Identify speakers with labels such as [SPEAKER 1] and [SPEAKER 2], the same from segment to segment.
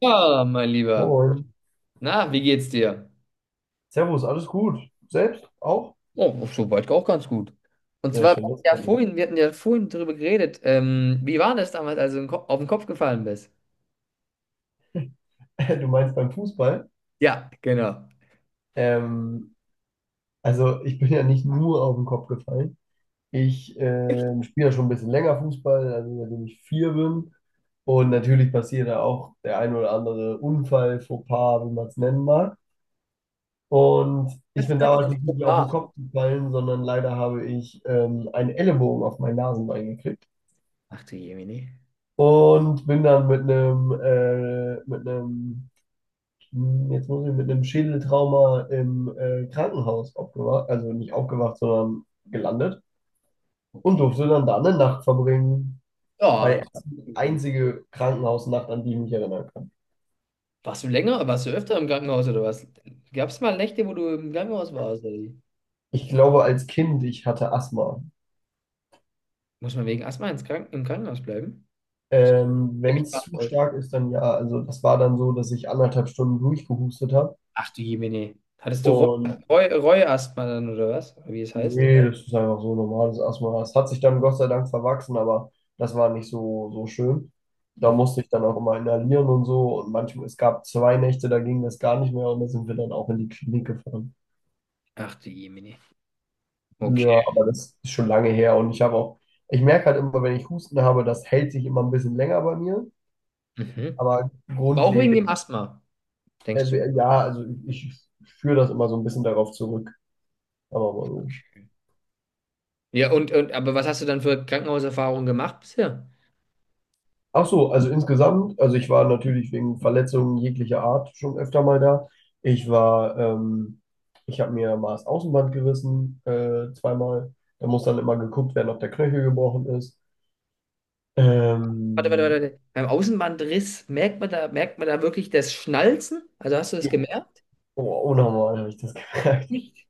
[SPEAKER 1] Ja, mein Lieber.
[SPEAKER 2] Moin.
[SPEAKER 1] Na, wie geht's dir?
[SPEAKER 2] Servus, alles gut. Selbst auch?
[SPEAKER 1] Oh, soweit auch ganz gut. Und
[SPEAKER 2] Sehr
[SPEAKER 1] zwar,
[SPEAKER 2] schön, das
[SPEAKER 1] ja,
[SPEAKER 2] freut mich.
[SPEAKER 1] vorhin, wir hatten ja vorhin drüber geredet. Wie war das damals, als du auf den Kopf gefallen bist?
[SPEAKER 2] Du meinst beim Fußball?
[SPEAKER 1] Ja, genau.
[SPEAKER 2] Ähm, also ich bin ja nicht nur auf den Kopf gefallen. Ich spiele ja schon ein bisschen länger Fußball, also seitdem ich vier bin. Und natürlich passiert da auch der ein oder andere Unfall, Fauxpas, wie man es nennen mag. Und
[SPEAKER 1] Das
[SPEAKER 2] ich
[SPEAKER 1] ist
[SPEAKER 2] bin damals
[SPEAKER 1] natürlich
[SPEAKER 2] nicht wirklich auf den
[SPEAKER 1] super.
[SPEAKER 2] Kopf gefallen, sondern leider habe ich einen Ellenbogen auf mein Nasenbein gekriegt
[SPEAKER 1] Ach du Jemini.
[SPEAKER 2] und bin dann Jetzt muss ich mit einem Schädeltrauma im Krankenhaus aufgewacht, also nicht aufgewacht, sondern gelandet und
[SPEAKER 1] Okay.
[SPEAKER 2] durfte dann da eine Nacht verbringen.
[SPEAKER 1] Ja,
[SPEAKER 2] Meine erste, einzige Krankenhausnacht, an die ich mich erinnern kann.
[SPEAKER 1] warst du öfter im Krankenhaus oder was? Gab es mal Nächte, wo du im Krankenhaus warst? Oder wie?
[SPEAKER 2] Ich glaube, als Kind, ich hatte Asthma.
[SPEAKER 1] Muss man wegen Asthma ins Kranken im Krankenhaus bleiben? Ich
[SPEAKER 2] Ähm,
[SPEAKER 1] kenn
[SPEAKER 2] wenn
[SPEAKER 1] mich
[SPEAKER 2] es
[SPEAKER 1] gar nicht
[SPEAKER 2] zu
[SPEAKER 1] aus.
[SPEAKER 2] stark ist, dann ja. Also das war dann so, dass ich anderthalb Stunden durchgehustet habe.
[SPEAKER 1] Ach du Jemini. Hattest du
[SPEAKER 2] Und
[SPEAKER 1] Reuasthma dann oder was? Oder wie es heißt?
[SPEAKER 2] nee, das ist einfach so normales Asthma. Es hat sich dann Gott sei Dank verwachsen, aber das war nicht so, so schön. Da musste ich dann auch immer inhalieren und so. Und manchmal, es gab 2 Nächte, da ging das gar nicht mehr und da sind wir dann auch in die Klinik gefahren.
[SPEAKER 1] Ach du Jemine. Okay.
[SPEAKER 2] Ja, aber das ist schon lange her und ich habe auch, ich merke halt immer, wenn ich Husten habe, das hält sich immer ein bisschen länger bei mir.
[SPEAKER 1] Mhm.
[SPEAKER 2] Aber
[SPEAKER 1] Aber auch wegen dem
[SPEAKER 2] grundlegend,
[SPEAKER 1] Asthma, denkst du?
[SPEAKER 2] ja, also ich führe das immer so ein bisschen darauf zurück. Aber mal so.
[SPEAKER 1] Okay. Ja, und aber was hast du dann für Krankenhauserfahrungen gemacht bisher?
[SPEAKER 2] Ach so, also insgesamt, also ich war natürlich wegen Verletzungen jeglicher Art schon öfter mal da. Ich war, ähm, ich habe mir mal das Außenband gerissen, zweimal. Da muss dann immer geguckt werden, ob der Knöchel gebrochen ist.
[SPEAKER 1] Warte, warte,
[SPEAKER 2] Ähm,
[SPEAKER 1] warte, warte. Beim Außenbandriss merkt man da wirklich das Schnalzen? Also hast du das
[SPEAKER 2] ja,
[SPEAKER 1] gemerkt?
[SPEAKER 2] oh, unnormal habe ich das gemerkt.
[SPEAKER 1] Nicht.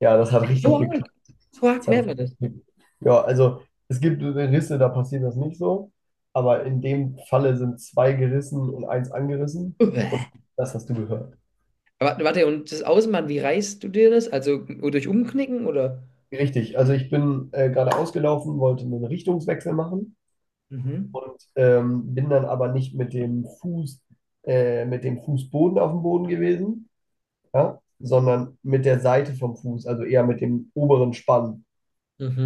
[SPEAKER 2] Ja, das hat
[SPEAKER 1] So
[SPEAKER 2] richtig geklickt.
[SPEAKER 1] arg. So arg
[SPEAKER 2] Das hat,
[SPEAKER 1] merkt man
[SPEAKER 2] richtig
[SPEAKER 1] das.
[SPEAKER 2] geklickt. Ja, also es gibt Risse, da passiert das nicht so. Aber in dem Falle sind zwei gerissen und eins angerissen. Und
[SPEAKER 1] Uäh.
[SPEAKER 2] das hast du gehört.
[SPEAKER 1] Warte, warte, und das Außenband, wie reißt du dir das? Also durch Umknicken oder?
[SPEAKER 2] Richtig, also ich bin gerade ausgelaufen, wollte einen Richtungswechsel machen
[SPEAKER 1] Mhm.
[SPEAKER 2] und bin dann aber nicht mit dem Fuß, mit dem Fußboden auf dem Boden gewesen, ja, sondern mit der Seite vom Fuß, also eher mit dem oberen Spann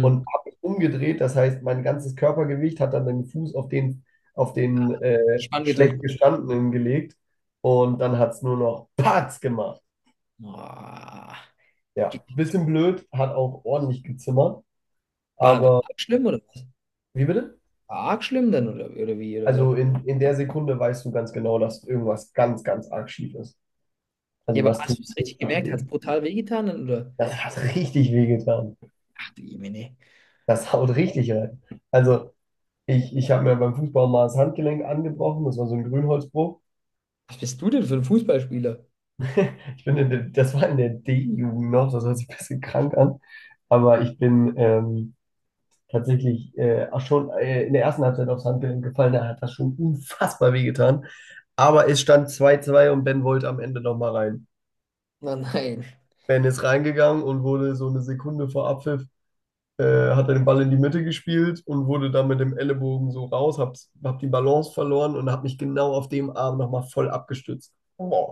[SPEAKER 2] und habe mich umgedreht. Das heißt, mein ganzes Körpergewicht hat dann den Fuß auf den, auf den
[SPEAKER 1] Ah,
[SPEAKER 2] äh,
[SPEAKER 1] Spann gedrückt.
[SPEAKER 2] schlecht gestandenen gelegt und dann hat es nur noch Patz gemacht.
[SPEAKER 1] Boah. Ge-
[SPEAKER 2] Ja, bisschen blöd, hat auch ordentlich gezimmert,
[SPEAKER 1] war
[SPEAKER 2] aber
[SPEAKER 1] arg schlimm oder was?
[SPEAKER 2] wie bitte?
[SPEAKER 1] War arg schlimm dann oder wie oder was?
[SPEAKER 2] Also in der Sekunde weißt du ganz genau, dass irgendwas ganz, ganz arg schief ist.
[SPEAKER 1] Ja,
[SPEAKER 2] Also
[SPEAKER 1] aber
[SPEAKER 2] das
[SPEAKER 1] hast
[SPEAKER 2] tut
[SPEAKER 1] du es richtig
[SPEAKER 2] richtig
[SPEAKER 1] gemerkt? Hat es
[SPEAKER 2] weh.
[SPEAKER 1] brutal wehgetan? Oder?
[SPEAKER 2] Das hat richtig weh getan.
[SPEAKER 1] Ach du Jemine.
[SPEAKER 2] Das haut richtig rein. Also ich habe mir beim Fußball mal das Handgelenk angebrochen. Das war so ein Grünholzbruch.
[SPEAKER 1] Was bist du denn für ein Fußballspieler?
[SPEAKER 2] Ich bin in der, Das war in der D-Jugend noch. Das hört sich ein bisschen krank an. Aber ich bin tatsächlich auch schon in der ersten Halbzeit aufs Handgelenk gefallen. Da hat das schon unfassbar weh getan. Aber es stand 2-2 und Ben wollte am Ende nochmal rein.
[SPEAKER 1] Na nein.
[SPEAKER 2] Ben ist reingegangen und wurde so eine Sekunde vor Abpfiff, äh, hat er den Ball in die Mitte gespielt und wurde dann mit dem Ellenbogen so raus, hab die Balance verloren und hab mich genau auf dem Arm nochmal voll abgestützt. Boah,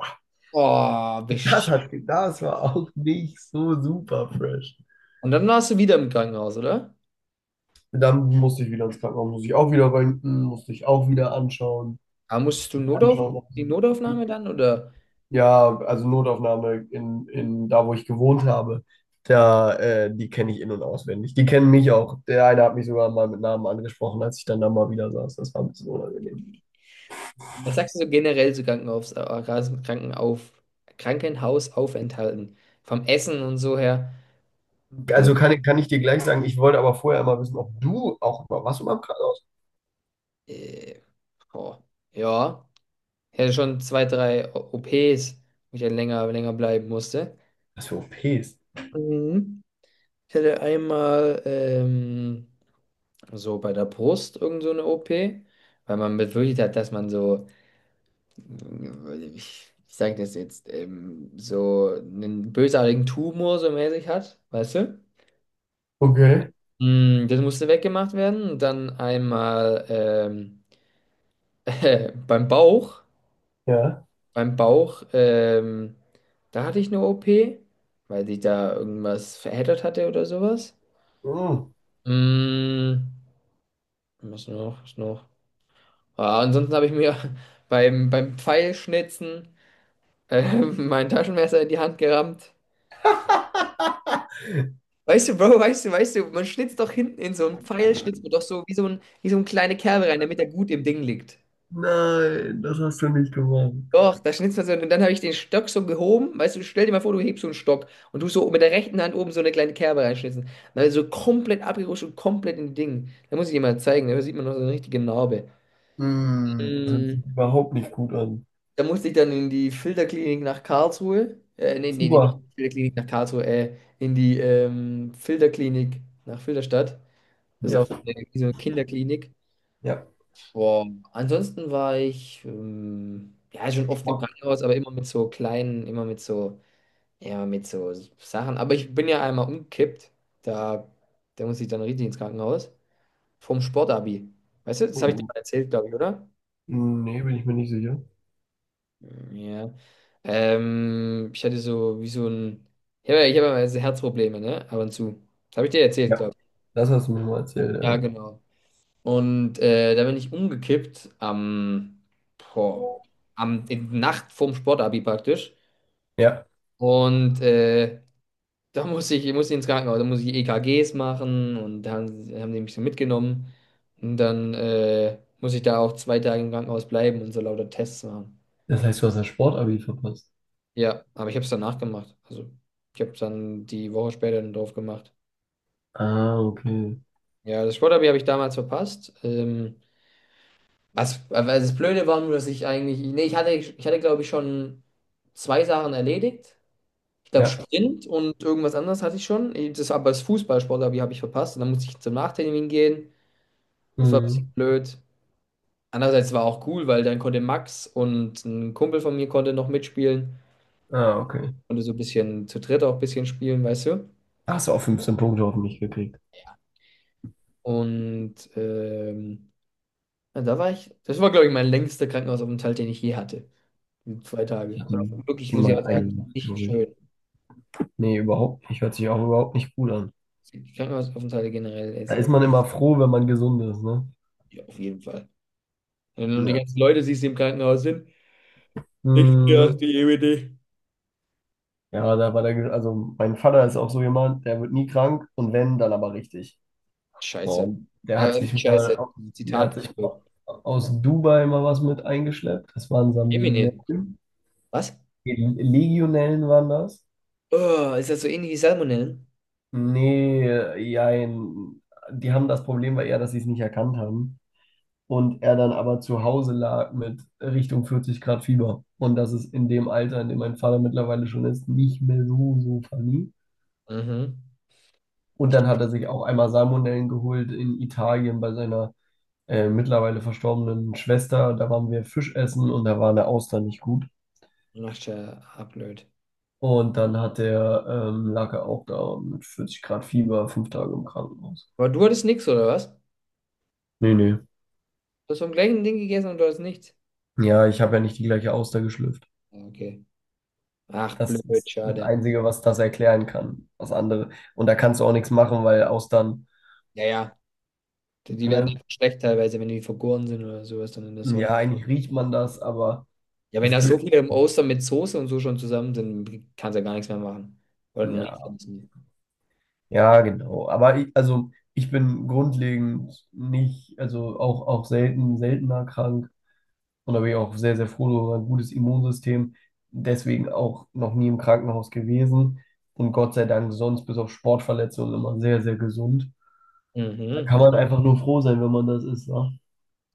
[SPEAKER 1] Oh, besch.
[SPEAKER 2] das war auch nicht so super fresh.
[SPEAKER 1] Und dann warst du wieder im Krankenhaus, oder?
[SPEAKER 2] Dann musste ich wieder ins Krankenhaus, musste ich auch wieder röntgen, musste ich auch wieder anschauen,
[SPEAKER 1] Aber musstest du Notauf
[SPEAKER 2] anschauen. ob
[SPEAKER 1] die
[SPEAKER 2] sie
[SPEAKER 1] Notaufnahme dann? Oder
[SPEAKER 2] Ja, also Notaufnahme in da, wo ich gewohnt habe, da, die kenne ich in- und auswendig. Die kennen mich auch. Der eine hat mich sogar mal mit Namen angesprochen, als ich dann da mal wieder saß. Das war ein bisschen unangenehm.
[SPEAKER 1] was sagst du so generell zu Krankenhaus, Krankenauf, Krankenhausaufenthalten? Vom Essen und so her. Also,
[SPEAKER 2] Also kann ich dir gleich sagen, ich wollte aber vorher mal wissen, ob du auch mal warst du mal im Krankenhaus?
[SPEAKER 1] äh, oh, ja. Ich hatte schon zwei, drei OPs, wo ich dann länger bleiben musste.
[SPEAKER 2] Was für OPs?
[SPEAKER 1] Mhm. Ich hatte einmal so bei der Brust irgend so eine OP, weil man befürchtet hat, dass man so, ich sage das jetzt, so einen bösartigen Tumor so mäßig hat, weißt du?
[SPEAKER 2] Okay,
[SPEAKER 1] Das musste weggemacht werden. Und dann einmal beim Bauch.
[SPEAKER 2] ja.
[SPEAKER 1] Beim Bauch, da hatte ich eine OP, weil sich da irgendwas verheddert hatte oder sowas.
[SPEAKER 2] Mm.
[SPEAKER 1] Mm, Was noch? Was noch? Ah, ansonsten habe ich mir beim Pfeilschnitzen äh, mein Taschenmesser in die Hand gerammt. Weißt du, Bro, weißt du, man schnitzt doch hinten in so einen Pfeil, schnitzt man doch so wie so eine kleine Kerbe rein, damit er gut im Ding liegt.
[SPEAKER 2] Nein, das hast du nicht gemacht.
[SPEAKER 1] Doch, da schnitzt man so, und dann habe ich den Stock so gehoben, weißt du, stell dir mal vor, du hebst so einen Stock und du so mit der rechten Hand oben so eine kleine Kerbe reinschnitzen. Dann so komplett abgerutscht und komplett im Ding. Da muss ich dir mal zeigen, da sieht man noch so eine richtige Narbe.
[SPEAKER 2] Das hört
[SPEAKER 1] Mm,
[SPEAKER 2] sich überhaupt nicht gut an.
[SPEAKER 1] Da musste ich dann in die Filterklinik nach Karlsruhe. Nee, nee, nee, nicht
[SPEAKER 2] Super.
[SPEAKER 1] Filterklinik nach Karlsruhe, in die Filterklinik nach Filderstadt. Das ist
[SPEAKER 2] Ja,
[SPEAKER 1] auch so eine Kinderklinik.
[SPEAKER 2] ja.
[SPEAKER 1] Boah. Ansonsten war ich ja schon oft im
[SPEAKER 2] Sport.
[SPEAKER 1] Krankenhaus, aber immer mit so kleinen, immer mit so, ja, mit so Sachen. Aber ich bin ja einmal umgekippt. Da, da musste ich dann richtig ins Krankenhaus. Vom Sportabi. Weißt du, das habe ich dir mal erzählt, glaube ich, oder?
[SPEAKER 2] Nee, bin ich mir nicht sicher.
[SPEAKER 1] Ja. Ich hatte so wie so ein. Ich hab immer so Herzprobleme, ne? Ab und zu. Das habe ich dir erzählt,
[SPEAKER 2] Ja.
[SPEAKER 1] glaube
[SPEAKER 2] Das hast du mir mal erzählt,
[SPEAKER 1] ich. Ja,
[SPEAKER 2] ja.
[SPEAKER 1] genau. Und da bin ich umgekippt am, boah, am in, Nacht vorm Sportabi praktisch.
[SPEAKER 2] Ja.
[SPEAKER 1] Und da muss ich, muss ich muss ins Krankenhaus, da muss ich EKGs machen und da haben die mich so mitgenommen. Und dann muss ich da auch 2 Tage im Krankenhaus bleiben und so lauter Tests machen.
[SPEAKER 2] Das heißt, du hast das Sportabi verpasst.
[SPEAKER 1] Ja, aber ich habe es danach gemacht. Also ich habe dann die Woche später dann drauf gemacht.
[SPEAKER 2] Ah, okay.
[SPEAKER 1] Ja, das Sporderby habe ich damals verpasst. Was, also das Blöde war nur, dass ich eigentlich, nee, ich hatte glaube ich schon zwei Sachen erledigt. Ich glaube
[SPEAKER 2] Ja.
[SPEAKER 1] Sprint und irgendwas anderes hatte ich schon. Aber das Fußballsportlerby habe ich verpasst und dann musste ich zum Nachtermin gehen. Das war ein bisschen
[SPEAKER 2] Mhm.
[SPEAKER 1] blöd. Andererseits war auch cool, weil dann konnte Max und ein Kumpel von mir konnte noch mitspielen.
[SPEAKER 2] Ah, okay.
[SPEAKER 1] Konnte so ein bisschen zu dritt auch ein bisschen spielen, weißt du?
[SPEAKER 2] Da hast du auch 15 Punkte auf mich gekriegt?
[SPEAKER 1] Und ja, da war ich, das war, glaube ich, mein längster Krankenhausaufenthalt, den ich je hatte. 2 Tage.
[SPEAKER 2] Ich hatte
[SPEAKER 1] Und wirklich, muss ich
[SPEAKER 2] maximal
[SPEAKER 1] auch
[SPEAKER 2] eine
[SPEAKER 1] sagen,
[SPEAKER 2] Nacht,
[SPEAKER 1] nicht
[SPEAKER 2] glaube ich.
[SPEAKER 1] schön.
[SPEAKER 2] Nee, überhaupt nicht. Hört sich auch überhaupt nicht gut an.
[SPEAKER 1] Die Krankenhausaufenthalte generell
[SPEAKER 2] Da ist
[SPEAKER 1] esse.
[SPEAKER 2] man immer froh, wenn man gesund ist, ne?
[SPEAKER 1] Ja, auf jeden Fall. Wenn du die
[SPEAKER 2] Ja.
[SPEAKER 1] ganzen Leute siehst, die im Krankenhaus sind, ich stehe auf
[SPEAKER 2] Mhm.
[SPEAKER 1] die EWD.
[SPEAKER 2] Ja, da war der, Ge- also mein Vater ist auch so jemand, der wird nie krank und wenn, dann aber richtig.
[SPEAKER 1] Ach, Scheiße.
[SPEAKER 2] Und
[SPEAKER 1] Nicht scheiße.
[SPEAKER 2] der hat
[SPEAKER 1] Zitat
[SPEAKER 2] sich mal
[SPEAKER 1] geführt.
[SPEAKER 2] aus Dubai mal was mit eingeschleppt. Das waren
[SPEAKER 1] Jemine.
[SPEAKER 2] Salmonellen.
[SPEAKER 1] Was?
[SPEAKER 2] Legionellen waren das.
[SPEAKER 1] Oh, ist das so ähnlich wie Salmonellen?
[SPEAKER 2] Nee, jein. Die haben das Problem war eher, dass sie es nicht erkannt haben. Und er dann aber zu Hause lag mit Richtung 40 Grad Fieber. Und das ist in dem Alter, in dem mein Vater mittlerweile schon ist, nicht mehr so, so funny.
[SPEAKER 1] Mhm.
[SPEAKER 2] Und dann hat er sich auch einmal Salmonellen geholt in Italien bei seiner mittlerweile verstorbenen Schwester, da waren wir Fisch essen und da war der Austern nicht gut.
[SPEAKER 1] Ach, tja, ah, blöd.
[SPEAKER 2] Und dann lag er auch da mit 40 Grad Fieber, 5 Tage im Krankenhaus.
[SPEAKER 1] Aber du hattest nichts, oder was? Du
[SPEAKER 2] Nee, nee.
[SPEAKER 1] hast vom gleichen Ding gegessen und du hattest nichts.
[SPEAKER 2] Ja, ich habe ja nicht die gleiche Auster geschlüpft.
[SPEAKER 1] Ja, okay. Ach,
[SPEAKER 2] Das
[SPEAKER 1] blöd,
[SPEAKER 2] ist das
[SPEAKER 1] schade.
[SPEAKER 2] Einzige, was das erklären kann. Was andere. Und da kannst du auch nichts machen, weil Austern,
[SPEAKER 1] Ja, ja. Die werden
[SPEAKER 2] ne?
[SPEAKER 1] einfach schlecht teilweise, wenn die vergoren sind oder sowas dann in der Sonne.
[SPEAKER 2] Ja, eigentlich riecht man das, aber
[SPEAKER 1] Ja, wenn
[SPEAKER 2] es
[SPEAKER 1] da so
[SPEAKER 2] gibt,
[SPEAKER 1] viele im Oster mit Soße und so schon zusammen sind, kannst du ja gar nichts mehr machen. Oder dann riecht
[SPEAKER 2] ja,
[SPEAKER 1] es nicht.
[SPEAKER 2] ja, genau. Also ich bin grundlegend nicht, also auch selten, seltener krank. Und da bin ich auch sehr, sehr froh über ein gutes Immunsystem. Deswegen auch noch nie im Krankenhaus gewesen. Und Gott sei Dank sonst bis auf Sportverletzungen immer sehr, sehr gesund. Da kann
[SPEAKER 1] Mhm.
[SPEAKER 2] man einfach nur froh sein, wenn man das ist, ne?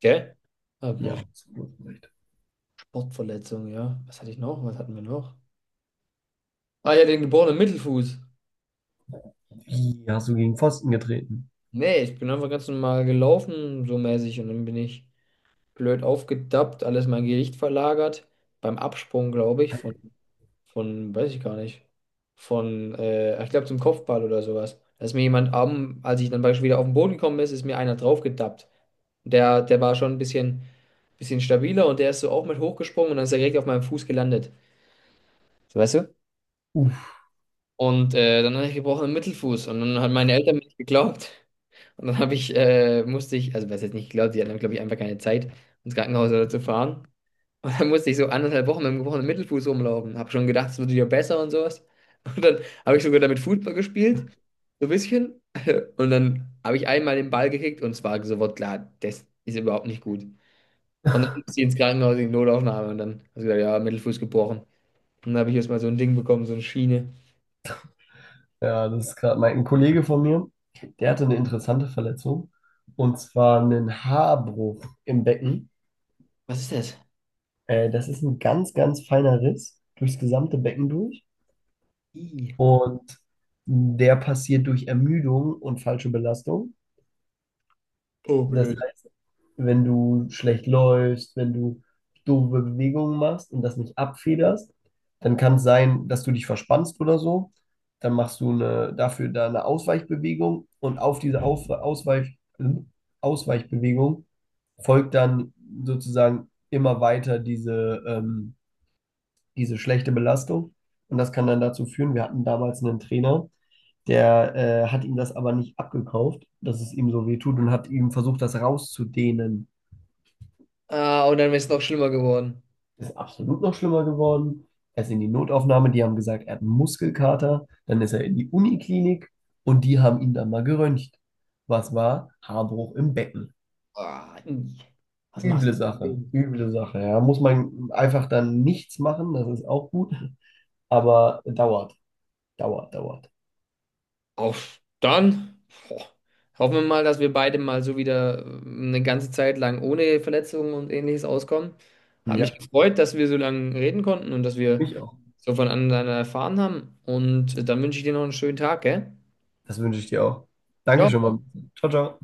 [SPEAKER 1] Gell? Ah,
[SPEAKER 2] Ja, absolut recht.
[SPEAKER 1] Sportverletzung, ja. Was hatte ich noch? Was hatten wir noch? Ah ja, den geborenen Mittelfuß.
[SPEAKER 2] Wie hast du gegen Pfosten getreten?
[SPEAKER 1] Nee, ich bin einfach ganz normal gelaufen, so mäßig, und dann bin ich blöd aufgedappt, alles mein Gewicht verlagert. Beim Absprung, glaube ich, von, weiß ich gar nicht. Von, ich glaube zum Kopfball oder sowas. Da ist mir jemand am, als ich dann beispielsweise wieder auf den Boden gekommen ist, ist mir einer draufgetappt. Der war schon ein bisschen stabiler und der ist so auch mit hochgesprungen und dann ist er direkt auf meinem Fuß gelandet. So, weißt du?
[SPEAKER 2] Uff.
[SPEAKER 1] Und dann hatte ich gebrochenen Mittelfuß und dann haben meine Eltern mir nicht geglaubt. Und dann habe ich, musste ich, also was jetzt nicht geglaubt, die hatten, glaube ich, einfach keine Zeit, ins Krankenhaus oder zu fahren. Und dann musste ich so anderthalb Wochen mit dem gebrochenen Mittelfuß rumlaufen. Habe schon gedacht, es wird wieder besser und sowas. Und dann habe ich sogar damit Fußball gespielt, so ein bisschen. Und dann habe ich einmal den Ball gekickt und es war sofort klar, das ist überhaupt nicht gut. Und dann musste ich ins Krankenhaus in die Notaufnahme und dann habe ich gesagt, ja, Mittelfuß gebrochen. Und dann habe ich erstmal so ein Ding bekommen, so eine Schiene.
[SPEAKER 2] Ja, das ist gerade mein ein Kollege von mir, der hatte eine interessante Verletzung. Und zwar einen Haarbruch im Becken.
[SPEAKER 1] Was ist das?
[SPEAKER 2] Das ist ein ganz, ganz feiner Riss durchs gesamte Becken durch.
[SPEAKER 1] Ih.
[SPEAKER 2] Und der passiert durch Ermüdung und falsche Belastung.
[SPEAKER 1] Oh,
[SPEAKER 2] Das
[SPEAKER 1] blöd.
[SPEAKER 2] heißt, wenn du schlecht läufst, wenn du doofe Bewegungen machst und das nicht abfederst, dann kann es sein, dass du dich verspannst oder so. Dann machst du dafür da eine Ausweichbewegung und auf diese Ausweichbewegung folgt dann sozusagen immer weiter diese schlechte Belastung. Und das kann dann dazu führen, wir hatten damals einen Trainer, der hat ihm das aber nicht abgekauft, dass es ihm so weh tut und hat ihm versucht, das rauszudehnen.
[SPEAKER 1] Ah, und dann ist es noch schlimmer geworden.
[SPEAKER 2] Ist absolut noch schlimmer geworden. Er ist in die Notaufnahme, die haben gesagt, er hat einen Muskelkater. Dann ist er in die Uniklinik und die haben ihn dann mal geröntgt. Was war? Haarbruch im Becken.
[SPEAKER 1] Ah, ih. Was machst
[SPEAKER 2] Üble Sache,
[SPEAKER 1] du?
[SPEAKER 2] üble Sache. Ja, muss man einfach dann nichts machen, das ist auch gut. Aber dauert, dauert, dauert.
[SPEAKER 1] Auf dann. Boah. Hoffen wir mal, dass wir beide mal so wieder eine ganze Zeit lang ohne Verletzungen und ähnliches auskommen. Hat mich
[SPEAKER 2] Ja,
[SPEAKER 1] gefreut, dass wir so lange reden konnten und dass wir
[SPEAKER 2] mich auch.
[SPEAKER 1] so voneinander erfahren haben. Und dann wünsche ich dir noch einen schönen Tag, gell?
[SPEAKER 2] Das wünsche ich dir auch. Danke schon mal.
[SPEAKER 1] Ciao.
[SPEAKER 2] Ciao, ciao.